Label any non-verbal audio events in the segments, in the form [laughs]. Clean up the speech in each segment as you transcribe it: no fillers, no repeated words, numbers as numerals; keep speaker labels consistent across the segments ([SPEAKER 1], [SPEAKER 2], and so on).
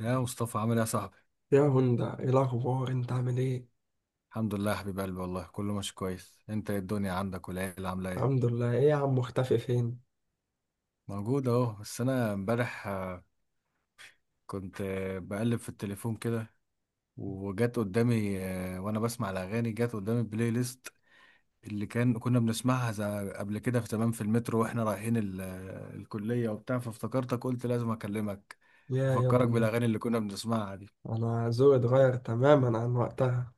[SPEAKER 1] يا مصطفى، عامل ايه يا صاحبي؟
[SPEAKER 2] يا هوندا، ايه الاخبار؟ انت عامل ايه؟
[SPEAKER 1] الحمد لله يا حبيب قلبي، والله كله ماشي كويس. انت ايه الدنيا عندك؟ والعيله عامله ايه؟
[SPEAKER 2] الحمد لله. ايه يا عم، مختفي فين؟
[SPEAKER 1] موجود اهو، بس انا امبارح كنت بقلب في التليفون كده، وجت قدامي، وانا بسمع الاغاني جت قدامي بلاي ليست اللي كنا بنسمعها قبل كده، في تمام، في المترو واحنا رايحين الكليه وبتاع، فافتكرتك قلت لازم اكلمك،
[SPEAKER 2] يا
[SPEAKER 1] افكرك
[SPEAKER 2] ابني،
[SPEAKER 1] بالاغاني اللي كنا بنسمعها دي.
[SPEAKER 2] انا ذوقي اتغير تماما عن وقتها.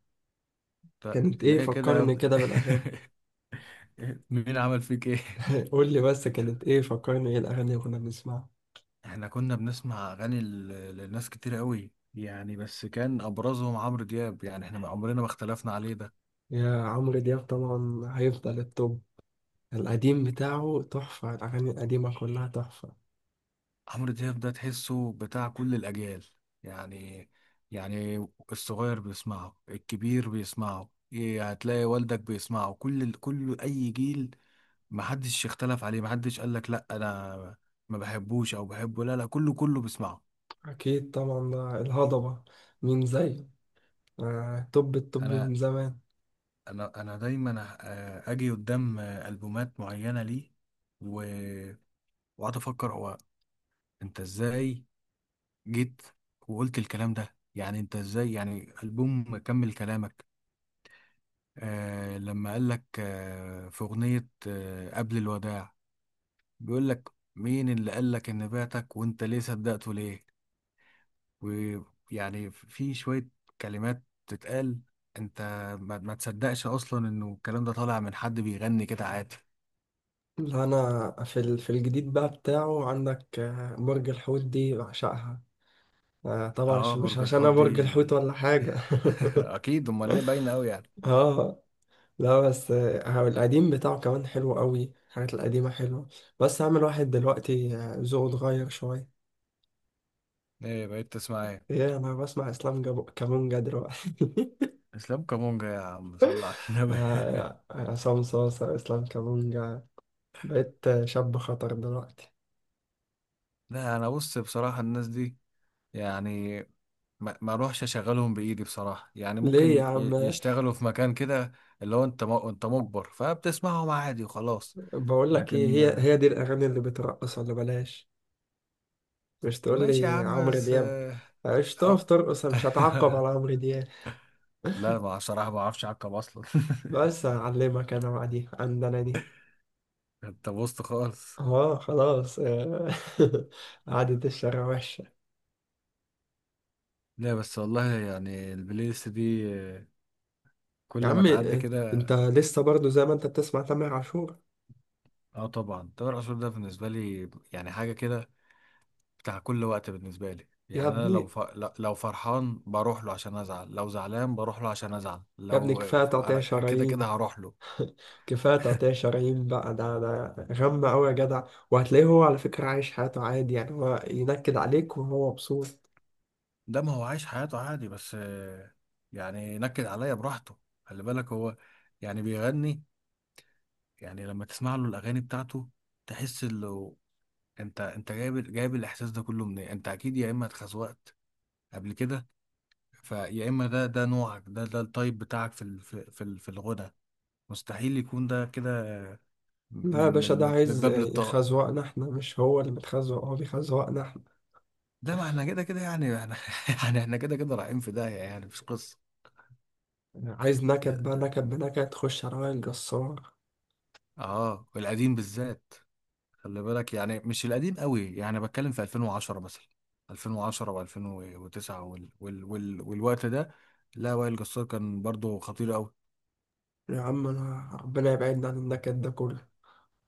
[SPEAKER 1] طب
[SPEAKER 2] كانت ايه
[SPEAKER 1] ليه كده يا
[SPEAKER 2] فكرني
[SPEAKER 1] ابني؟
[SPEAKER 2] كده بالاغاني؟
[SPEAKER 1] [laughs] مين عمل فيك ايه؟
[SPEAKER 2] [laughs] قول لي بس، كانت ايه فكرني؟ ايه الاغاني اللي كنا بنسمعها؟
[SPEAKER 1] احنا كنا بنسمع اغاني لناس كتير قوي يعني، بس كان ابرزهم عمرو دياب، يعني احنا ما عمرنا ما اختلفنا عليه ده.
[SPEAKER 2] يا عمرو دياب طبعا هيفضل التوب. القديم بتاعه تحفة، الأغاني القديمة كلها تحفة.
[SPEAKER 1] عمرو دياب ده تحسه بتاع كل الاجيال يعني، يعني الصغير بيسمعه، الكبير بيسمعه، إيه، هتلاقي والدك بيسمعه، كل اي جيل. محدش اختلف عليه، محدش قال لك لا انا ما بحبوش او بحبه، لا لا، كله بيسمعه.
[SPEAKER 2] أكيد طبعا، ده الهضبة، مين زيه؟ آه، توب التوب
[SPEAKER 1] انا
[SPEAKER 2] من زمان.
[SPEAKER 1] انا دايما اجي قدام البومات معينة، ليه؟ وقعدت افكر، هو انت ازاي جيت وقلت الكلام ده؟ يعني انت ازاي؟ يعني البوم كمل كلامك. لما قال لك في اغنيه قبل الوداع، بيقول لك مين اللي قال لك ان بعتك؟ وانت ليه صدقته؟ ليه؟ ويعني في شويه كلمات تتقال، انت ما تصدقش اصلا انه الكلام ده طالع من حد بيغني كده عادي.
[SPEAKER 2] لا أنا في ال- في الجديد بقى بتاعه، عندك برج الحوت دي بعشقها. طبعا
[SPEAKER 1] اه
[SPEAKER 2] مش
[SPEAKER 1] برج
[SPEAKER 2] عشان انا
[SPEAKER 1] الحوت دي
[SPEAKER 2] برج الحوت ولا حاجة.
[SPEAKER 1] [laughs] اكيد، امال ايه، باينه قوي يعني.
[SPEAKER 2] [laughs] اه. لا بس القديم بتاعه كمان حلو قوي، الحاجات القديمة حلوة. بس هعمل واحد دلوقتي ذوقه اتغير شوية.
[SPEAKER 1] ايه بقيت تسمع ايه؟
[SPEAKER 2] ايه؟ انا بسمع اسلام جابو كامونجا دلوقتي. [laughs]
[SPEAKER 1] اسلام كامونجا يا عم، صل على النبي [laughs]
[SPEAKER 2] عصام صاصة، اسلام كامونجا. بقيت شاب خطر دلوقتي.
[SPEAKER 1] لا انا بص، بصراحه الناس دي يعني ما اروحش اشغلهم بايدي بصراحه، يعني
[SPEAKER 2] ليه يا
[SPEAKER 1] ممكن
[SPEAKER 2] عم؟
[SPEAKER 1] يشتغلوا في مكان كده، اللي هو انت انت مجبر فبتسمعهم عادي وخلاص.
[SPEAKER 2] بقول لك ايه،
[SPEAKER 1] لكن
[SPEAKER 2] هي هي دي الاغاني اللي بترقص، ولا بلاش؟ مش تقول
[SPEAKER 1] ماشي يا
[SPEAKER 2] لي
[SPEAKER 1] عم،
[SPEAKER 2] عمرو
[SPEAKER 1] بس
[SPEAKER 2] دياب. مش تقف
[SPEAKER 1] أو
[SPEAKER 2] ترقص، أنا مش هتعقب على عمرو دياب.
[SPEAKER 1] لا، ما صراحه ما اعرفش اعقب اصلا [laughs]
[SPEAKER 2] بس هعلمك انا بقى، دي عندنا دي.
[SPEAKER 1] انت بوظت خالص.
[SPEAKER 2] اه خلاص آه. [laughs] قعدة الشارع وحشة.
[SPEAKER 1] لا بس والله، يعني البلاي ليست دي
[SPEAKER 2] يا
[SPEAKER 1] كل ما
[SPEAKER 2] عم
[SPEAKER 1] تعدي كده.
[SPEAKER 2] انت لسه برضو زي ما انت بتسمع تامر عاشور.
[SPEAKER 1] اه طبعا، تامر عاشور ده بالنسبه لي يعني حاجه كده، بتاع كل وقت بالنسبة لي.
[SPEAKER 2] يا
[SPEAKER 1] يعني أنا
[SPEAKER 2] ابني،
[SPEAKER 1] لو فرحان بروح له عشان أزعل، لو زعلان بروح له عشان أزعل،
[SPEAKER 2] يا ابني،
[SPEAKER 1] لو
[SPEAKER 2] كفاية تقطيع
[SPEAKER 1] أنا كده كده
[SPEAKER 2] شرايين.
[SPEAKER 1] هروح له.
[SPEAKER 2] كفاية تقطيع شرايين بقى، ده غم أوي يا جدع. وهتلاقيه هو على فكرة عايش حياته عادي، يعني هو ينكد عليك وهو مبسوط.
[SPEAKER 1] ده ما هو عايش حياته عادي، بس يعني نكد عليا براحته. خلي بالك هو يعني بيغني، يعني لما تسمع له الأغاني بتاعته تحس إنه أنت جايب الإحساس ده كله منين. أنت أكيد يا إما اتخزوقت قبل كده، فيا إما ده نوعك، ده التايب بتاعك في في الغنى. مستحيل يكون ده كده.
[SPEAKER 2] لا يا
[SPEAKER 1] من
[SPEAKER 2] باشا،
[SPEAKER 1] من
[SPEAKER 2] ده
[SPEAKER 1] من من
[SPEAKER 2] عايز
[SPEAKER 1] باب للطاقة،
[SPEAKER 2] يخزوقنا احنا، مش هو اللي بيتخزوق، هو بيخزوقنا احنا.
[SPEAKER 1] ده ما احنا كده كده يعني احنا [laughs] يعني احنا كده كده رايحين في داهية، يعني مش قصة.
[SPEAKER 2] عايز نكد بقى؟ نكد بنكد، خش على وائل جسار.
[SPEAKER 1] اه القديم بالذات. خلي بالك يعني مش القديم قوي، يعني بتكلم في 2010 مثلا، 2010 و2009 والوقت ده. لا وائل جسار كان برضو خطير قوي.
[SPEAKER 2] يا عم انا ربنا يبعدنا عن النكد ده كله.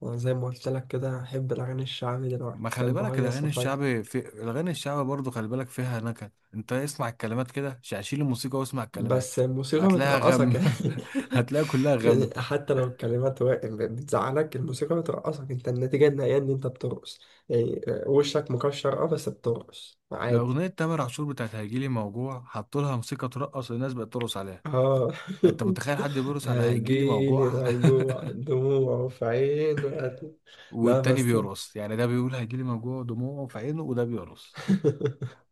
[SPEAKER 2] انا زي ما قلت لك كده، احب الاغاني الشعبي دلوقتي،
[SPEAKER 1] ما خلي
[SPEAKER 2] احب
[SPEAKER 1] بالك
[SPEAKER 2] اهيص
[SPEAKER 1] الاغاني
[SPEAKER 2] وافرفش.
[SPEAKER 1] الشعبي، في الاغاني الشعبي برضو خلي بالك فيها نكد، انت اسمع الكلمات كده، شيل الموسيقى واسمع
[SPEAKER 2] بس
[SPEAKER 1] الكلمات.
[SPEAKER 2] الموسيقى
[SPEAKER 1] هتلاقيها
[SPEAKER 2] بترقصك
[SPEAKER 1] غم
[SPEAKER 2] يعني.
[SPEAKER 1] [laughs]
[SPEAKER 2] [laughs]
[SPEAKER 1] هتلاقيها كلها
[SPEAKER 2] يعني
[SPEAKER 1] غم.
[SPEAKER 2] حتى لو الكلمات بتزعلك، الموسيقى بترقصك، انت النتيجة النهائية ان انت بترقص. يعني وشك مكشر، اه، بس بترقص
[SPEAKER 1] ده
[SPEAKER 2] عادي.
[SPEAKER 1] أغنية تامر عاشور بتاعت هيجيلي موجوع، حطوا لها موسيقى ترقص والناس بقت ترقص عليها.
[SPEAKER 2] اه.
[SPEAKER 1] أنت متخيل حد
[SPEAKER 2] [laughs]
[SPEAKER 1] بيرقص على هيجيلي موجوع؟
[SPEAKER 2] هيجيلي
[SPEAKER 1] [laughs]
[SPEAKER 2] موجوع دموعه في عينه. لا
[SPEAKER 1] والتاني
[SPEAKER 2] بس.
[SPEAKER 1] بيرقص يعني، ده بيقول هيجيلي موجوع دموعه في عينه وده بيرقص.
[SPEAKER 2] [laughs]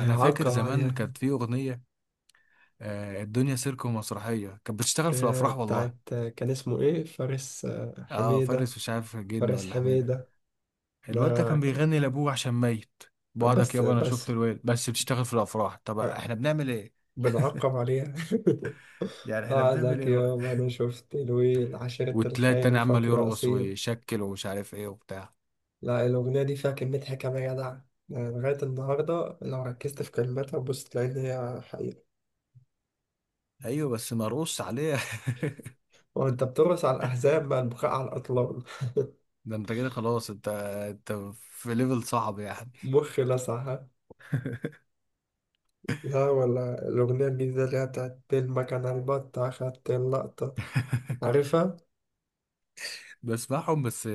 [SPEAKER 1] أنا فاكر زمان
[SPEAKER 2] عليها.
[SPEAKER 1] كانت في أغنية الدنيا سيرك ومسرحية، كانت بتشتغل في الأفراح والله.
[SPEAKER 2] بتاعت كان اسمه ايه؟ فارس
[SPEAKER 1] أه
[SPEAKER 2] حميدة.
[SPEAKER 1] فارس، مش عارف جن
[SPEAKER 2] فارس
[SPEAKER 1] ولا حميدة.
[SPEAKER 2] حميدة،
[SPEAKER 1] الواد ده
[SPEAKER 2] ده
[SPEAKER 1] كان
[SPEAKER 2] كان.
[SPEAKER 1] بيغني لأبوه عشان ميت، بعدك
[SPEAKER 2] بس
[SPEAKER 1] يابا، أنا
[SPEAKER 2] بس
[SPEAKER 1] شفت الواد بس بتشتغل في الأفراح، طب
[SPEAKER 2] آه،
[SPEAKER 1] إحنا بنعمل إيه؟
[SPEAKER 2] بنعقب عليها. [laughs]
[SPEAKER 1] يعني إحنا بنعمل
[SPEAKER 2] قعدك
[SPEAKER 1] إيه؟
[SPEAKER 2] يوم انا شفت الويل، عشيرة
[SPEAKER 1] والتلاقي
[SPEAKER 2] الخاين،
[SPEAKER 1] التاني عمال
[SPEAKER 2] وفاكر
[SPEAKER 1] يرقص
[SPEAKER 2] اصيل.
[SPEAKER 1] ويشكل ومش عارف إيه وبتاع.
[SPEAKER 2] لا، الاغنية دي فيها كمية حكمة يا جدع. يعني لغاية النهاردة لو ركزت في كلماتها، بص تلاقي إن هي حقيقة.
[SPEAKER 1] ايوه، بس مرقص عليه [laughs]
[SPEAKER 2] وأنت بترقص على الأحزاب مع البكاء على الأطلال.
[SPEAKER 1] ده انت كده خلاص، انت انت في ليفل صعب
[SPEAKER 2] [laughs]
[SPEAKER 1] يعني.
[SPEAKER 2] مخي لسع، ها؟ لا، ولا الأغنية الجديدة اللي هي بتاعت المكنة البطة أخدت اللقطة. عارفها؟
[SPEAKER 1] بسمعهم بس،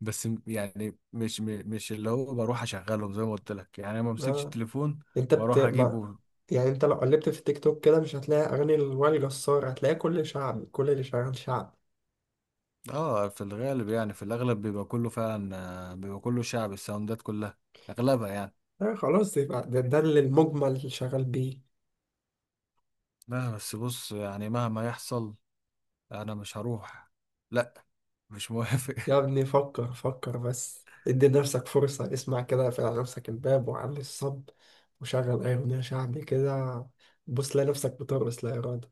[SPEAKER 1] بس يعني مش اللي هو بروح اشغلهم زي ما قلت لك، يعني أنا ما امسكش
[SPEAKER 2] اه.
[SPEAKER 1] التليفون
[SPEAKER 2] انت بت
[SPEAKER 1] واروح
[SPEAKER 2] ما...
[SPEAKER 1] اجيبه.
[SPEAKER 2] يعني انت لو قلبت في التيك توك كده، مش هتلاقي اغاني الوائل جسار، هتلاقي كل شعب، كل اللي شغال شعب.
[SPEAKER 1] اه في الغالب، يعني في الاغلب بيبقى كله فعلا، بيبقى كله شعب، الساوندات كلها اغلبها يعني.
[SPEAKER 2] آه خلاص، يبقى ده اللي المجمل اللي شغال بيه.
[SPEAKER 1] لا بس بص، يعني مهما يحصل انا مش هروح، لا، مش موافق
[SPEAKER 2] يا
[SPEAKER 1] [laughs]
[SPEAKER 2] ابني فكر بس، ادي نفسك فرصة. اسمع كده، اقفل على نفسك الباب وعلي الصب، وشغل اي اغنية شعبي كده. بص تلاقي نفسك بترقص لا إرادة.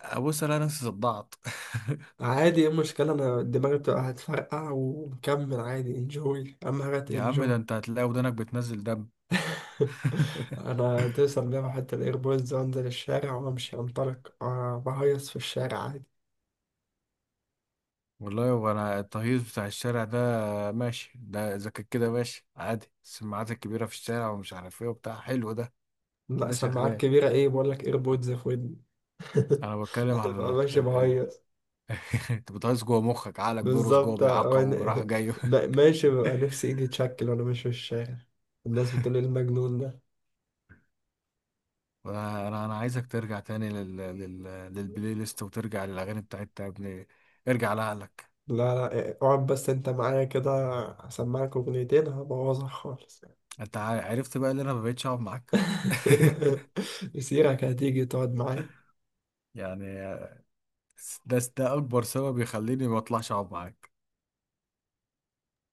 [SPEAKER 1] ابص انا نفسي صدعت [laughs]
[SPEAKER 2] عادي، ايه المشكلة؟ انا دماغي بتبقى هتفرقع ومكمل عادي، انجوي، اهم حاجة
[SPEAKER 1] يا عم، ده
[SPEAKER 2] انجوي.
[SPEAKER 1] انت هتلاقي ودانك بتنزل دم
[SPEAKER 2] [laughs]
[SPEAKER 1] [laughs]
[SPEAKER 2] انا توصل بيهم حتى الايربودز وانزل الشارع وامشي انطلق، بهيص في الشارع عادي.
[SPEAKER 1] والله هو انا التهيص بتاع الشارع ده ماشي، ده اذا كان كده ماشي عادي، السماعات الكبيره في الشارع ومش عارف ايه وبتاع حلو ده.
[SPEAKER 2] لا
[SPEAKER 1] ده
[SPEAKER 2] سماعات
[SPEAKER 1] شغال.
[SPEAKER 2] كبيرة ايه؟ بقول لك ايربودز في ودني.
[SPEAKER 1] انا
[SPEAKER 2] [laughs]
[SPEAKER 1] بتكلم
[SPEAKER 2] انا
[SPEAKER 1] على
[SPEAKER 2] ببقى
[SPEAKER 1] ال...
[SPEAKER 2] ماشي
[SPEAKER 1] ال... ال...
[SPEAKER 2] بهيص.
[SPEAKER 1] [laughs] انت بتهيص جوه مخك، عقلك بيرقص جوه
[SPEAKER 2] بالظبط
[SPEAKER 1] بيعقب وبيروح
[SPEAKER 2] انا
[SPEAKER 1] جاي
[SPEAKER 2] [laughs]
[SPEAKER 1] [laughs]
[SPEAKER 2] ماشي، ببقى نفسي ايدي تشكل وانا ماشي في الشارع، الناس بتقول لي المجنون ده.
[SPEAKER 1] انا انا أنا عايزك ترجع تاني للبلاي ليست، وترجع للاغاني بتاعتها يا ابني. ارجع لعقلك.
[SPEAKER 2] لا لا اقعد بس انت معايا كده، هسمعك اغنيتين هبوظها خالص.
[SPEAKER 1] انت عرفت بقى ان انا ما بقتش اقعد معاك [laughs]
[SPEAKER 2] [laughs] مسيرك هتيجي تقعد معايا.
[SPEAKER 1] يعني ده اكبر سبب يخليني ما اطلعش اقعد معاك،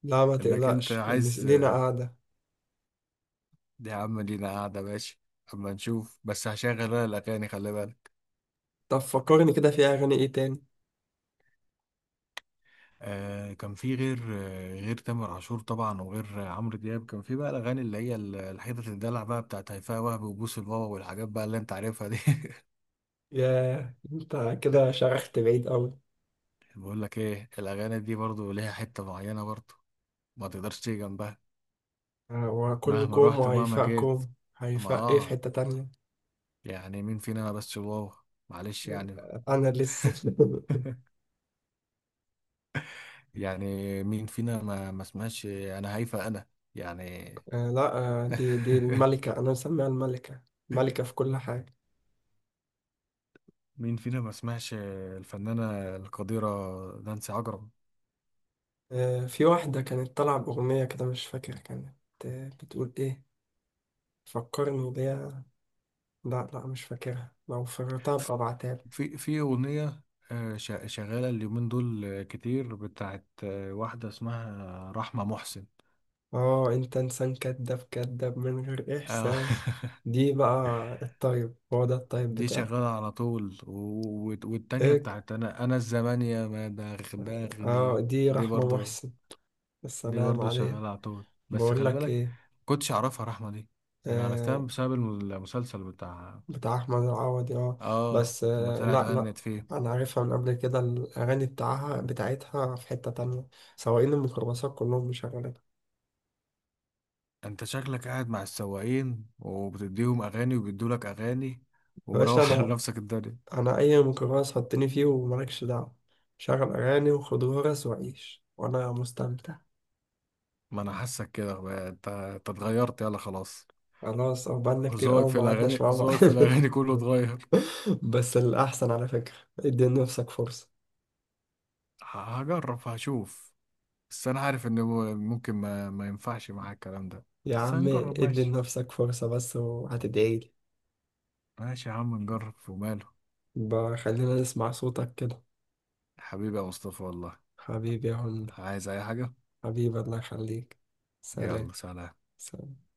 [SPEAKER 2] لا ما
[SPEAKER 1] انك انت
[SPEAKER 2] تقلقش،
[SPEAKER 1] عايز.
[SPEAKER 2] لينا قاعدة.
[SPEAKER 1] دي يا عم لينا قاعدة ماشي، أما نشوف، بس هشغل أنا الأغاني خلي بالك.
[SPEAKER 2] طب فكرني كده في أغاني إيه تاني؟
[SPEAKER 1] كان في غير تامر عاشور طبعا، وغير عمرو دياب، كان في بقى الاغاني اللي هي الحتت الدلع بقى بتاعت هيفاء وهبي وبوس البابا والحاجات بقى اللي انت عارفها دي [laughs]
[SPEAKER 2] يا أنت كده شرحت بعيد أوي.
[SPEAKER 1] بقول لك ايه، الاغاني دي برضو ليها حته معينه برضو، ما تقدرش تيجي جنبها
[SPEAKER 2] هو
[SPEAKER 1] مهما
[SPEAKER 2] كلكم
[SPEAKER 1] رحت ومهما جيت.
[SPEAKER 2] وهيفاءكم؟
[SPEAKER 1] اما
[SPEAKER 2] هيفاء إيه؟ في
[SPEAKER 1] اه،
[SPEAKER 2] حتة تانية.
[SPEAKER 1] يعني مين فينا ما بس واو. معلش يعني.
[SPEAKER 2] أنا لسه. [laughs]
[SPEAKER 1] يعني مين فينا ما سمعش؟ انا هيفا انا يعني
[SPEAKER 2] لا. دي
[SPEAKER 1] [laughs]
[SPEAKER 2] الملكة، أنا مسميها الملكة، ملكة في كل حاجة.
[SPEAKER 1] مين فينا ما سمعش الفنانة القديرة نانسي عجرم؟
[SPEAKER 2] في واحدة كانت طالعة بأغنية كده، مش فاكر كانت بتقول إيه. فكرني بيها. لا لا مش فاكرها، لو فكرتها ببعتها.
[SPEAKER 1] في أغنية شغالة اليومين دول كتير، بتاعت واحدة اسمها رحمة محسن.
[SPEAKER 2] اه، انت انسان كذاب، كذاب من غير
[SPEAKER 1] آه،
[SPEAKER 2] احساس.
[SPEAKER 1] [laughs]
[SPEAKER 2] دي بقى الطيب، هو ده الطيب
[SPEAKER 1] دي
[SPEAKER 2] بتاعك.
[SPEAKER 1] شغالة على طول، والتانية
[SPEAKER 2] ايه؟
[SPEAKER 1] بتاعت أنا الزمان يا ما
[SPEAKER 2] اه
[SPEAKER 1] دغدغني.
[SPEAKER 2] دي
[SPEAKER 1] دي
[SPEAKER 2] رحمة
[SPEAKER 1] برضو،
[SPEAKER 2] محسن.
[SPEAKER 1] دي
[SPEAKER 2] السلام
[SPEAKER 1] برضو
[SPEAKER 2] عليك.
[SPEAKER 1] شغالة على طول، بس
[SPEAKER 2] بقول
[SPEAKER 1] خلي
[SPEAKER 2] لك
[SPEAKER 1] بالك
[SPEAKER 2] ايه،
[SPEAKER 1] كنتش أعرفها رحمة دي، أنا عرفتها
[SPEAKER 2] آه
[SPEAKER 1] بسبب المسلسل بتاع،
[SPEAKER 2] بتاع احمد العوضي، اه. بس
[SPEAKER 1] لما
[SPEAKER 2] آه
[SPEAKER 1] طلعت
[SPEAKER 2] لا لا،
[SPEAKER 1] غنت فيه.
[SPEAKER 2] انا عارفها من قبل كده، الاغاني بتاعها بتاعتها في حتة تانية، سواقين الميكروباصات كلهم مشغلينها.
[SPEAKER 1] انت شكلك قاعد مع السواقين وبتديهم اغاني وبيدولك اغاني
[SPEAKER 2] يا باشا
[SPEAKER 1] ومروح [laughs] على
[SPEAKER 2] انا،
[SPEAKER 1] نفسك الدنيا.
[SPEAKER 2] انا اي ميكروباص حطني فيه ومالكش دعوة، شغل اغاني وخد غرز وعيش وانا مستمتع.
[SPEAKER 1] ما انا حاسك كده بقى، انت اتغيرت يلا خلاص.
[SPEAKER 2] خلاص اه، بقالنا كتير
[SPEAKER 1] ذوقك
[SPEAKER 2] قوي
[SPEAKER 1] في
[SPEAKER 2] ما
[SPEAKER 1] الاغاني،
[SPEAKER 2] قعدناش مع بعض.
[SPEAKER 1] ذوقك في الاغاني كله اتغير.
[SPEAKER 2] [laughs] بس الأحسن على فكرة ادي لنفسك فرصة.
[SPEAKER 1] هجرب هشوف، بس انا عارف ان ممكن ما ينفعش معاك الكلام ده.
[SPEAKER 2] يا
[SPEAKER 1] بس
[SPEAKER 2] عم
[SPEAKER 1] هنجرب
[SPEAKER 2] ادي
[SPEAKER 1] ماشي،
[SPEAKER 2] لنفسك فرصة بس وهتدعيلي.
[SPEAKER 1] ماشي يا عم نجرب وماله.
[SPEAKER 2] بقى خلينا نسمع صوتك كده.
[SPEAKER 1] حبيبي يا مصطفى والله.
[SPEAKER 2] حبيبي يا هند،
[SPEAKER 1] عايز اي حاجة؟
[SPEAKER 2] حبيبي الله يخليك.
[SPEAKER 1] يلا
[SPEAKER 2] سلام.
[SPEAKER 1] سلام.
[SPEAKER 2] سلام.